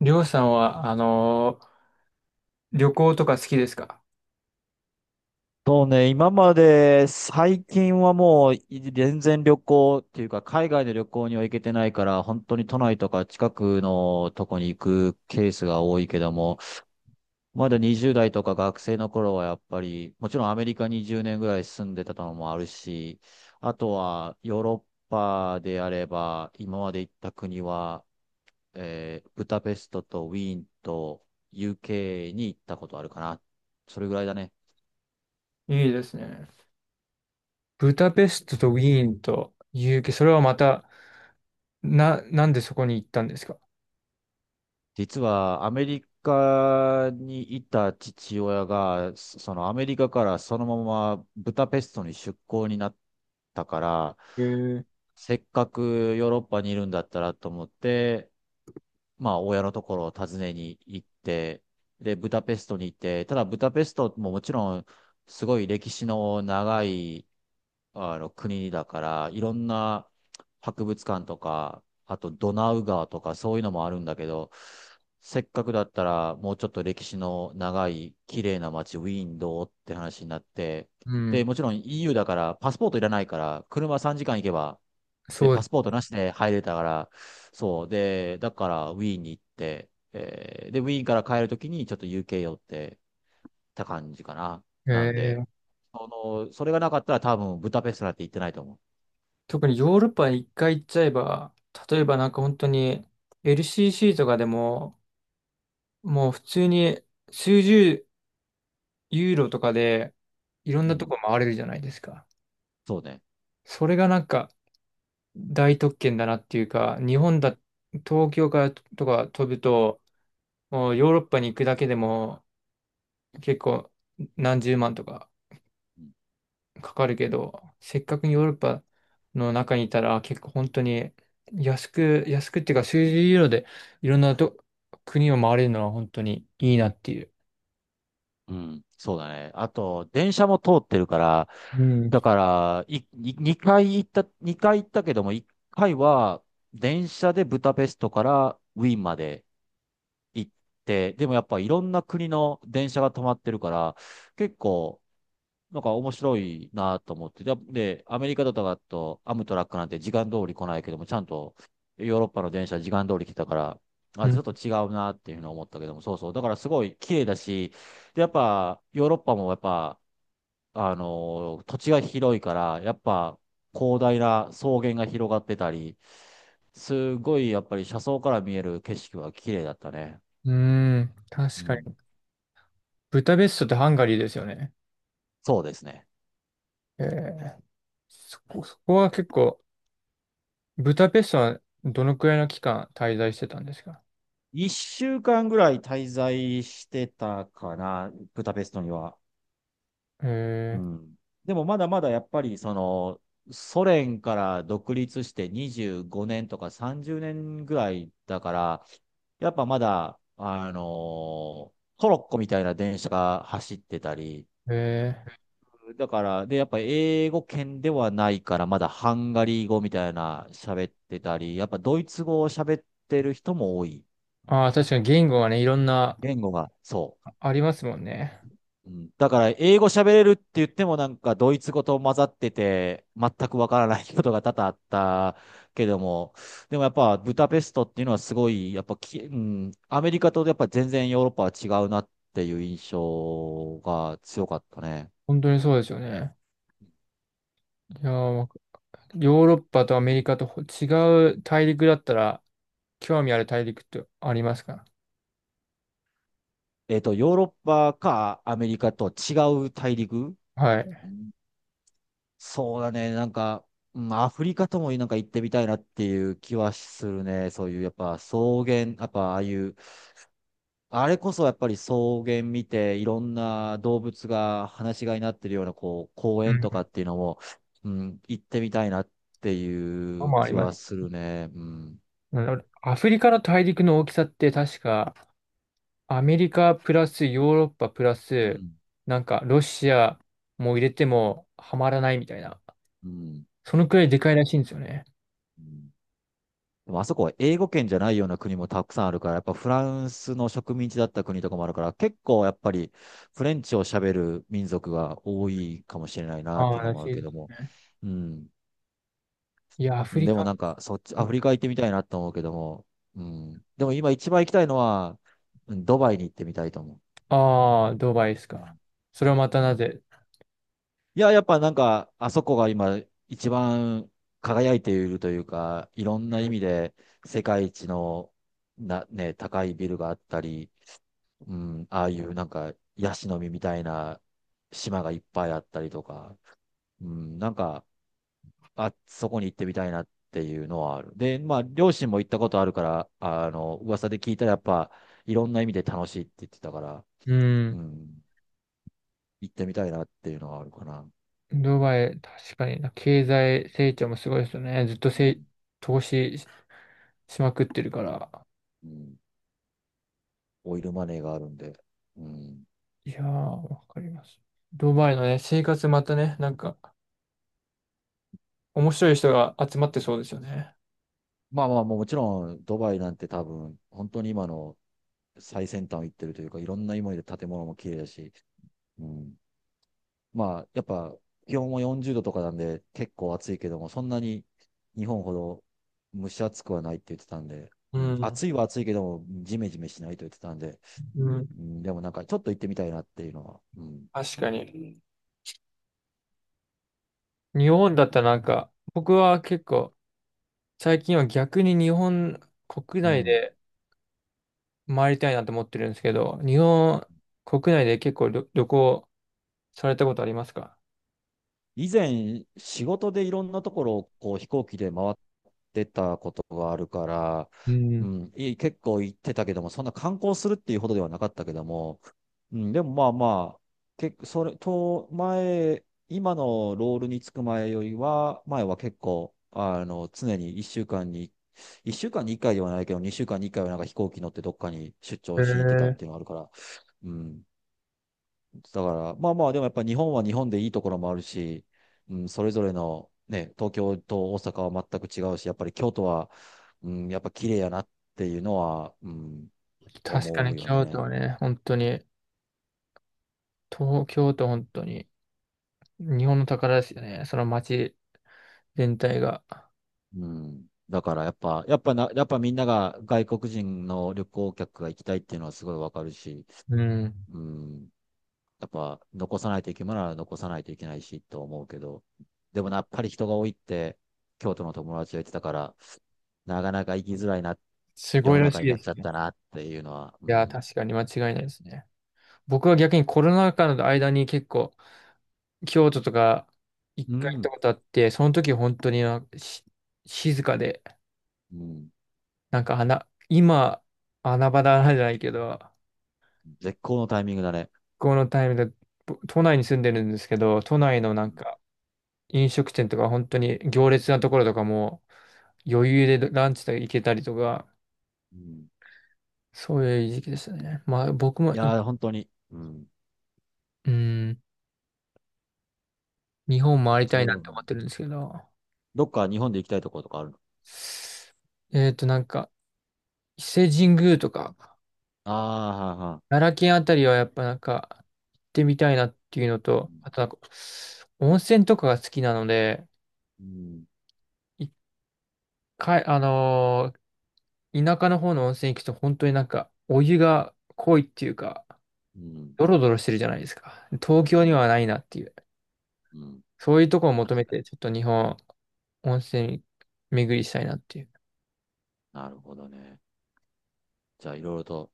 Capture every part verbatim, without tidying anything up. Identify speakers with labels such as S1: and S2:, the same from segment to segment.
S1: りょうさんは、あのー旅行とか好きですか？
S2: そうね、今まで最近はもうい全然旅行っていうか海外の旅行には行けてないから本当に都内とか近くのとこに行くケースが多いけども、まだにじゅうだい代とか学生の頃はやっぱりもちろんアメリカにぜろねんぐらい住んでたのもあるし、あとはヨーロッパであれば今まで行った国は、えーブダペストとウィーンと ユーケー に行ったことあるかな。それぐらいだね。
S1: いいですね。ブダペストとウィーンと ユーケー、それはまた、な、なんでそこに行ったんですか？
S2: 実はアメリカにいた父親が、そそのアメリカからそのままブダペストに出向になったから、
S1: へえ。
S2: せっかくヨーロッパにいるんだったらと思って、まあ、親のところを訪ねに行って、で、ブダペストに行って、ただブダペストももちろん、すごい歴史の長い、あの、国だから、いろんな博物館とか、あとドナウ川とかそういうのもあるんだけど、せっかくだったら、もうちょっと歴史の長い、綺麗な街、ウィーンどうって話になって、
S1: うん、
S2: で、もちろん イーユー だから、パスポートいらないから、車さんじかん行けば、で、
S1: そう
S2: パ
S1: で
S2: スポートなしで入れたから、そう。で、だからウィーンに行って、えーで、ウィーンから帰るときにちょっと ユーケー 寄ってた感じかな。
S1: す、へ
S2: なんで、
S1: え。
S2: その、それがなかったら多分ブダペストなんて行ってないと思
S1: 特にヨーロッパに一回行っちゃえば、例えばなんか本当に エルシーシー とかでも、もう普通に数十ユーロとかでいろん
S2: う。う
S1: なと
S2: ん。
S1: こ回れるじゃないですか。
S2: そうね。
S1: それがなんか大特権だなっていうか、日本だ、東京からとか飛ぶと、もうヨーロッパに行くだけでも結構何十万とか
S2: うん、
S1: かかるけど、せっかくヨーロッパの中にいたら結構本当に安く、安くっていうか数十ユーロでいろんなと国を回れるのは本当にいいなっていう。
S2: うん。そうだね。あと、電車も通ってるから、
S1: うん。
S2: だから、い、い2回行った、にかい行ったけども、いっかいは電車でブダペストからウィーンまで行って、でもやっぱいろんな国の電車が止まってるから、結構、なんか面白いなと思って。で、でアメリカとかだと、アムトラックなんて時間通り来ないけども、ちゃんとヨーロッパの電車時間通り来たから、
S1: う
S2: あ、ちょ
S1: ん、
S2: っと違うなっていうふうに思ったけども、そうそう。だからすごい綺麗だし、で、やっぱヨーロッパもやっぱ、あのー土地が広いから、やっぱ広大な草原が広がってたり、すごいやっぱり車窓から見える景色は綺麗だったね。
S1: うーん、
S2: う
S1: 確か
S2: ん。
S1: に。ブタペストってハンガリーですよね。
S2: そうですね。
S1: えー、そこ、そこは結構、ブタペストはどのくらいの期間滞在してたんですか？
S2: いっしゅうかんぐらい滞在してたかな、ブダペストには。う
S1: え
S2: ん。でもまだまだやっぱりその、ソ連から独立してにじゅうごねんとかさんじゅうねんぐらいだから、やっぱまだ、あのトロッコみたいな電車が走ってたり、
S1: ー、え
S2: だから、で、やっぱ英語圏ではないから、まだハンガリー語みたいな喋ってたり、やっぱドイツ語を喋ってる人も多い。
S1: ー、ああ、確かに言語がね、いろんな
S2: 言語が、そう。
S1: ありますもんね。
S2: うん。だから、英語喋れるって言ってもなんか、ドイツ語と混ざってて、全くわからないことが多々あったけども、でもやっぱ、ブダペストっていうのはすごい、やっぱき、うん、アメリカとやっぱ全然ヨーロッパは違うなっていう印象が強かったね。
S1: 本当にそうですよね。いやー、わかヨーロッパとアメリカとほ違う大陸だったら、興味ある大陸ってありますか？
S2: えっと、ヨーロッパかアメリカと違う大陸。
S1: はい。
S2: うん。そうだね、なんか、うん、アフリカともなんか行ってみたいなっていう気はするね。そういう、やっぱ草原、やっぱああいう、あれこそやっぱり草原見て、いろんな動物が放し飼いになってるような、こう、公園とか
S1: う
S2: っていうのも、うん、行ってみたいなってい
S1: ん。
S2: う
S1: もあ
S2: 気
S1: りま
S2: は
S1: す。
S2: するね。うん。
S1: うん、アフリカの大陸の大きさって確か、アメリカプラスヨーロッパプラ
S2: う
S1: ス、
S2: ん。
S1: なんかロシアも入れてもはまらないみたいな。
S2: うん。
S1: そのくらいでかいらしいんですよね。
S2: うん。でもあそこは英語圏じゃないような国もたくさんあるから、やっぱフランスの植民地だった国とかもあるから、結構やっぱりフレンチを喋る民族が多いかもしれないなっ
S1: あ
S2: てい
S1: あ、
S2: うの
S1: らし
S2: もある
S1: いで
S2: けど
S1: す
S2: も。
S1: ね。
S2: うん。
S1: いや、ア
S2: う
S1: フ
S2: ん。
S1: リ
S2: でも
S1: カ。
S2: なんか、そっち、アフリカ行ってみたいなと思うけども、うん。でも今一番行きたいのは、うん、ドバイに行ってみたいと思
S1: ああ、ドバイです
S2: う。う
S1: か。
S2: ん。
S1: それはま
S2: う
S1: たな
S2: ん。
S1: ぜ？
S2: いや、やっぱなんか、あそこが今一番輝いているというか、いろんな意味で世界一のな、ね、高いビルがあったり、うん、ああいうなんか、ヤシの実みたいな島がいっぱいあったりとか、うん、なんか、あ、そこに行ってみたいなっていうのはある。で、まあ、両親も行ったことあるから、あの、噂で聞いたらやっぱ、いろんな意味で楽しいって言ってたから、
S1: う
S2: う
S1: ん。
S2: ん、行ってみたいなっていうのはあるかな。
S1: ドバイ、確かにな、経済成長もすごいですよね。ずっと
S2: う
S1: せ、
S2: ん、
S1: 投資し、しまくってるから。
S2: うん、オイルマネーがあるんで。うん、
S1: いやー、わかります。ドバイのね、生活またね、なんか、面白い人が集まってそうですよね。
S2: まあまあ、もちろん、ドバイなんて多分、本当に今の最先端を行ってるというか、いろんな意味で建物も綺麗だし、うん。まあ、やっぱ、気温もよんじゅうどとかなんで、結構暑いけども、そんなに日本ほど蒸し暑くはないって言ってたんで、
S1: う
S2: うん、
S1: ん。
S2: 暑いは暑いけども、ジメジメしないと言ってたんで、
S1: うん。
S2: うん、でもなんか、ちょっと行ってみたいなっていうのは、うん。
S1: 確かに。日本だったらなんか、僕は結構、最近は逆に日本国
S2: う
S1: 内
S2: ん、
S1: で回りたいなと思ってるんですけど、日本国内で結構旅、旅行されたことありますか？
S2: 以前、仕事でいろんなところをこう飛行機で回ってたことがあるから、
S1: う
S2: う
S1: ん。
S2: ん、い結構行ってたけども、そんな観光するっていうほどではなかったけども、うん、でもまあまあ、けそれと前、今のロールにつく前よりは、前は結構、あの、常に1週間に、いっしゅうかんにいっかいではないけど、にしゅうかんにいっかいはなんか飛行機乗ってどっかに出
S1: へ
S2: 張しに行ってたっ
S1: ー。
S2: ていうのがあるから、うん。だから、まあまあ、でもやっぱ日本は日本でいいところもあるし、うん、それぞれの、ね、東京と大阪は全く違うし、やっぱり京都は、うん、やっぱ綺麗やなっていうのは、うん、
S1: 確か
S2: 思
S1: に
S2: うよ
S1: 京
S2: ね。
S1: 都ね、本当に、東京都本当に、日本の宝ですよね、その街全体が。
S2: うん。だからやっぱ、やっぱな、やっぱみんなが外国人の旅行客が行きたいっていうのはすごいわかるし、
S1: うん。
S2: うん。やっぱ残さないといけないなら残さないといけないしと思うけど、でもなやっぱり人が多いって、京都の友達が言ってたから、なかなか行きづらいな、
S1: す
S2: 世
S1: ごい
S2: の
S1: らし
S2: 中
S1: い
S2: にな
S1: で
S2: っ
S1: す
S2: ちゃっ
S1: ね。
S2: たなっていうのは、う
S1: いや、
S2: ん。
S1: 確かに間違いないですね。僕は逆にコロナ禍の間に結構、京都とか一
S2: う
S1: 回行った
S2: ん。
S1: ことあって、その時本当になんかし静かで、
S2: うん。
S1: なんか穴、今、穴場だなじゃないけど、
S2: 絶好のタイミングだね。
S1: このタイミングで、ぼ都内に住んでるんですけど、都内のな
S2: う
S1: ん
S2: ん。
S1: か、飲食店とか本当に行列なところとかも余裕でランチとか行けたりとか、
S2: うん。
S1: そういう時期でしたね。まあ僕も
S2: い
S1: い、
S2: やー、本当に。うん。
S1: うん、日本回りたいな
S2: そ
S1: っ
S2: う。
S1: て思ってるんですけど、
S2: どっか日本で行きたいところとかあるの？
S1: えっとなんか伊勢神宮とか、
S2: ああー、はーは
S1: 奈良県あたりはやっぱなんか行ってみたいなっていうのと、あとな
S2: ー、
S1: んか温泉とかが好きなので、
S2: うん。うん、
S1: 一回、あのー田舎の方の温泉行くと本当になんかお湯が濃いっていうか、
S2: うん。
S1: ドロドロしてるじゃないですか。東京にはないなっていう。
S2: うん。
S1: そういうとこを求めて、ちょっと日本、温泉巡りしたいなっていう。
S2: なるほどね。じゃあ、いろいろと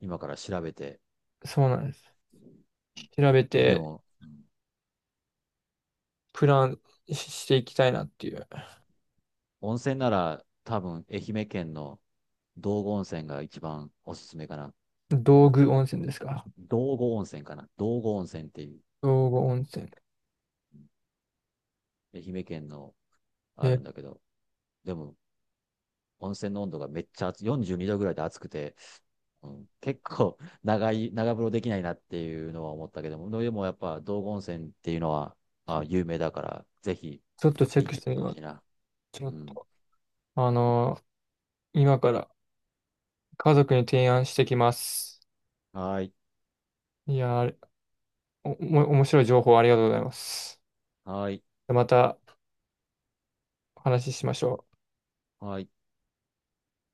S2: 今から調べて。
S1: そうなんです。調べ
S2: で
S1: て、
S2: も、うん、
S1: プランししていきたいなっていう。
S2: 温泉なら多分愛媛県の道後温泉が一番おすすめかな。
S1: 道具温泉ですか。
S2: 道後温泉かな。道後温泉っていう、
S1: 道具温泉。
S2: うん、愛媛県のあ
S1: え、
S2: るんだけど、でも、温泉の温度がめっちゃ暑い、よんじゅうにどぐらいで暑くて、うん、結構長い、長風呂できないなっていうのは思ったけども、でもやっぱ道後温泉っていうのは、あ、有名だから、ぜひ
S1: ちょっとチェッ
S2: 行っ
S1: クし
S2: て
S1: て
S2: みて
S1: み
S2: ほ
S1: ま
S2: し
S1: す。
S2: いな。
S1: ちょ
S2: う
S1: っ
S2: ん。
S1: と、あのー今から家族に提案してきます。
S2: はい。
S1: いやー、あれ、お、おも面白い情報ありがとうございます。
S2: はい。
S1: またお話ししましょう。
S2: はい。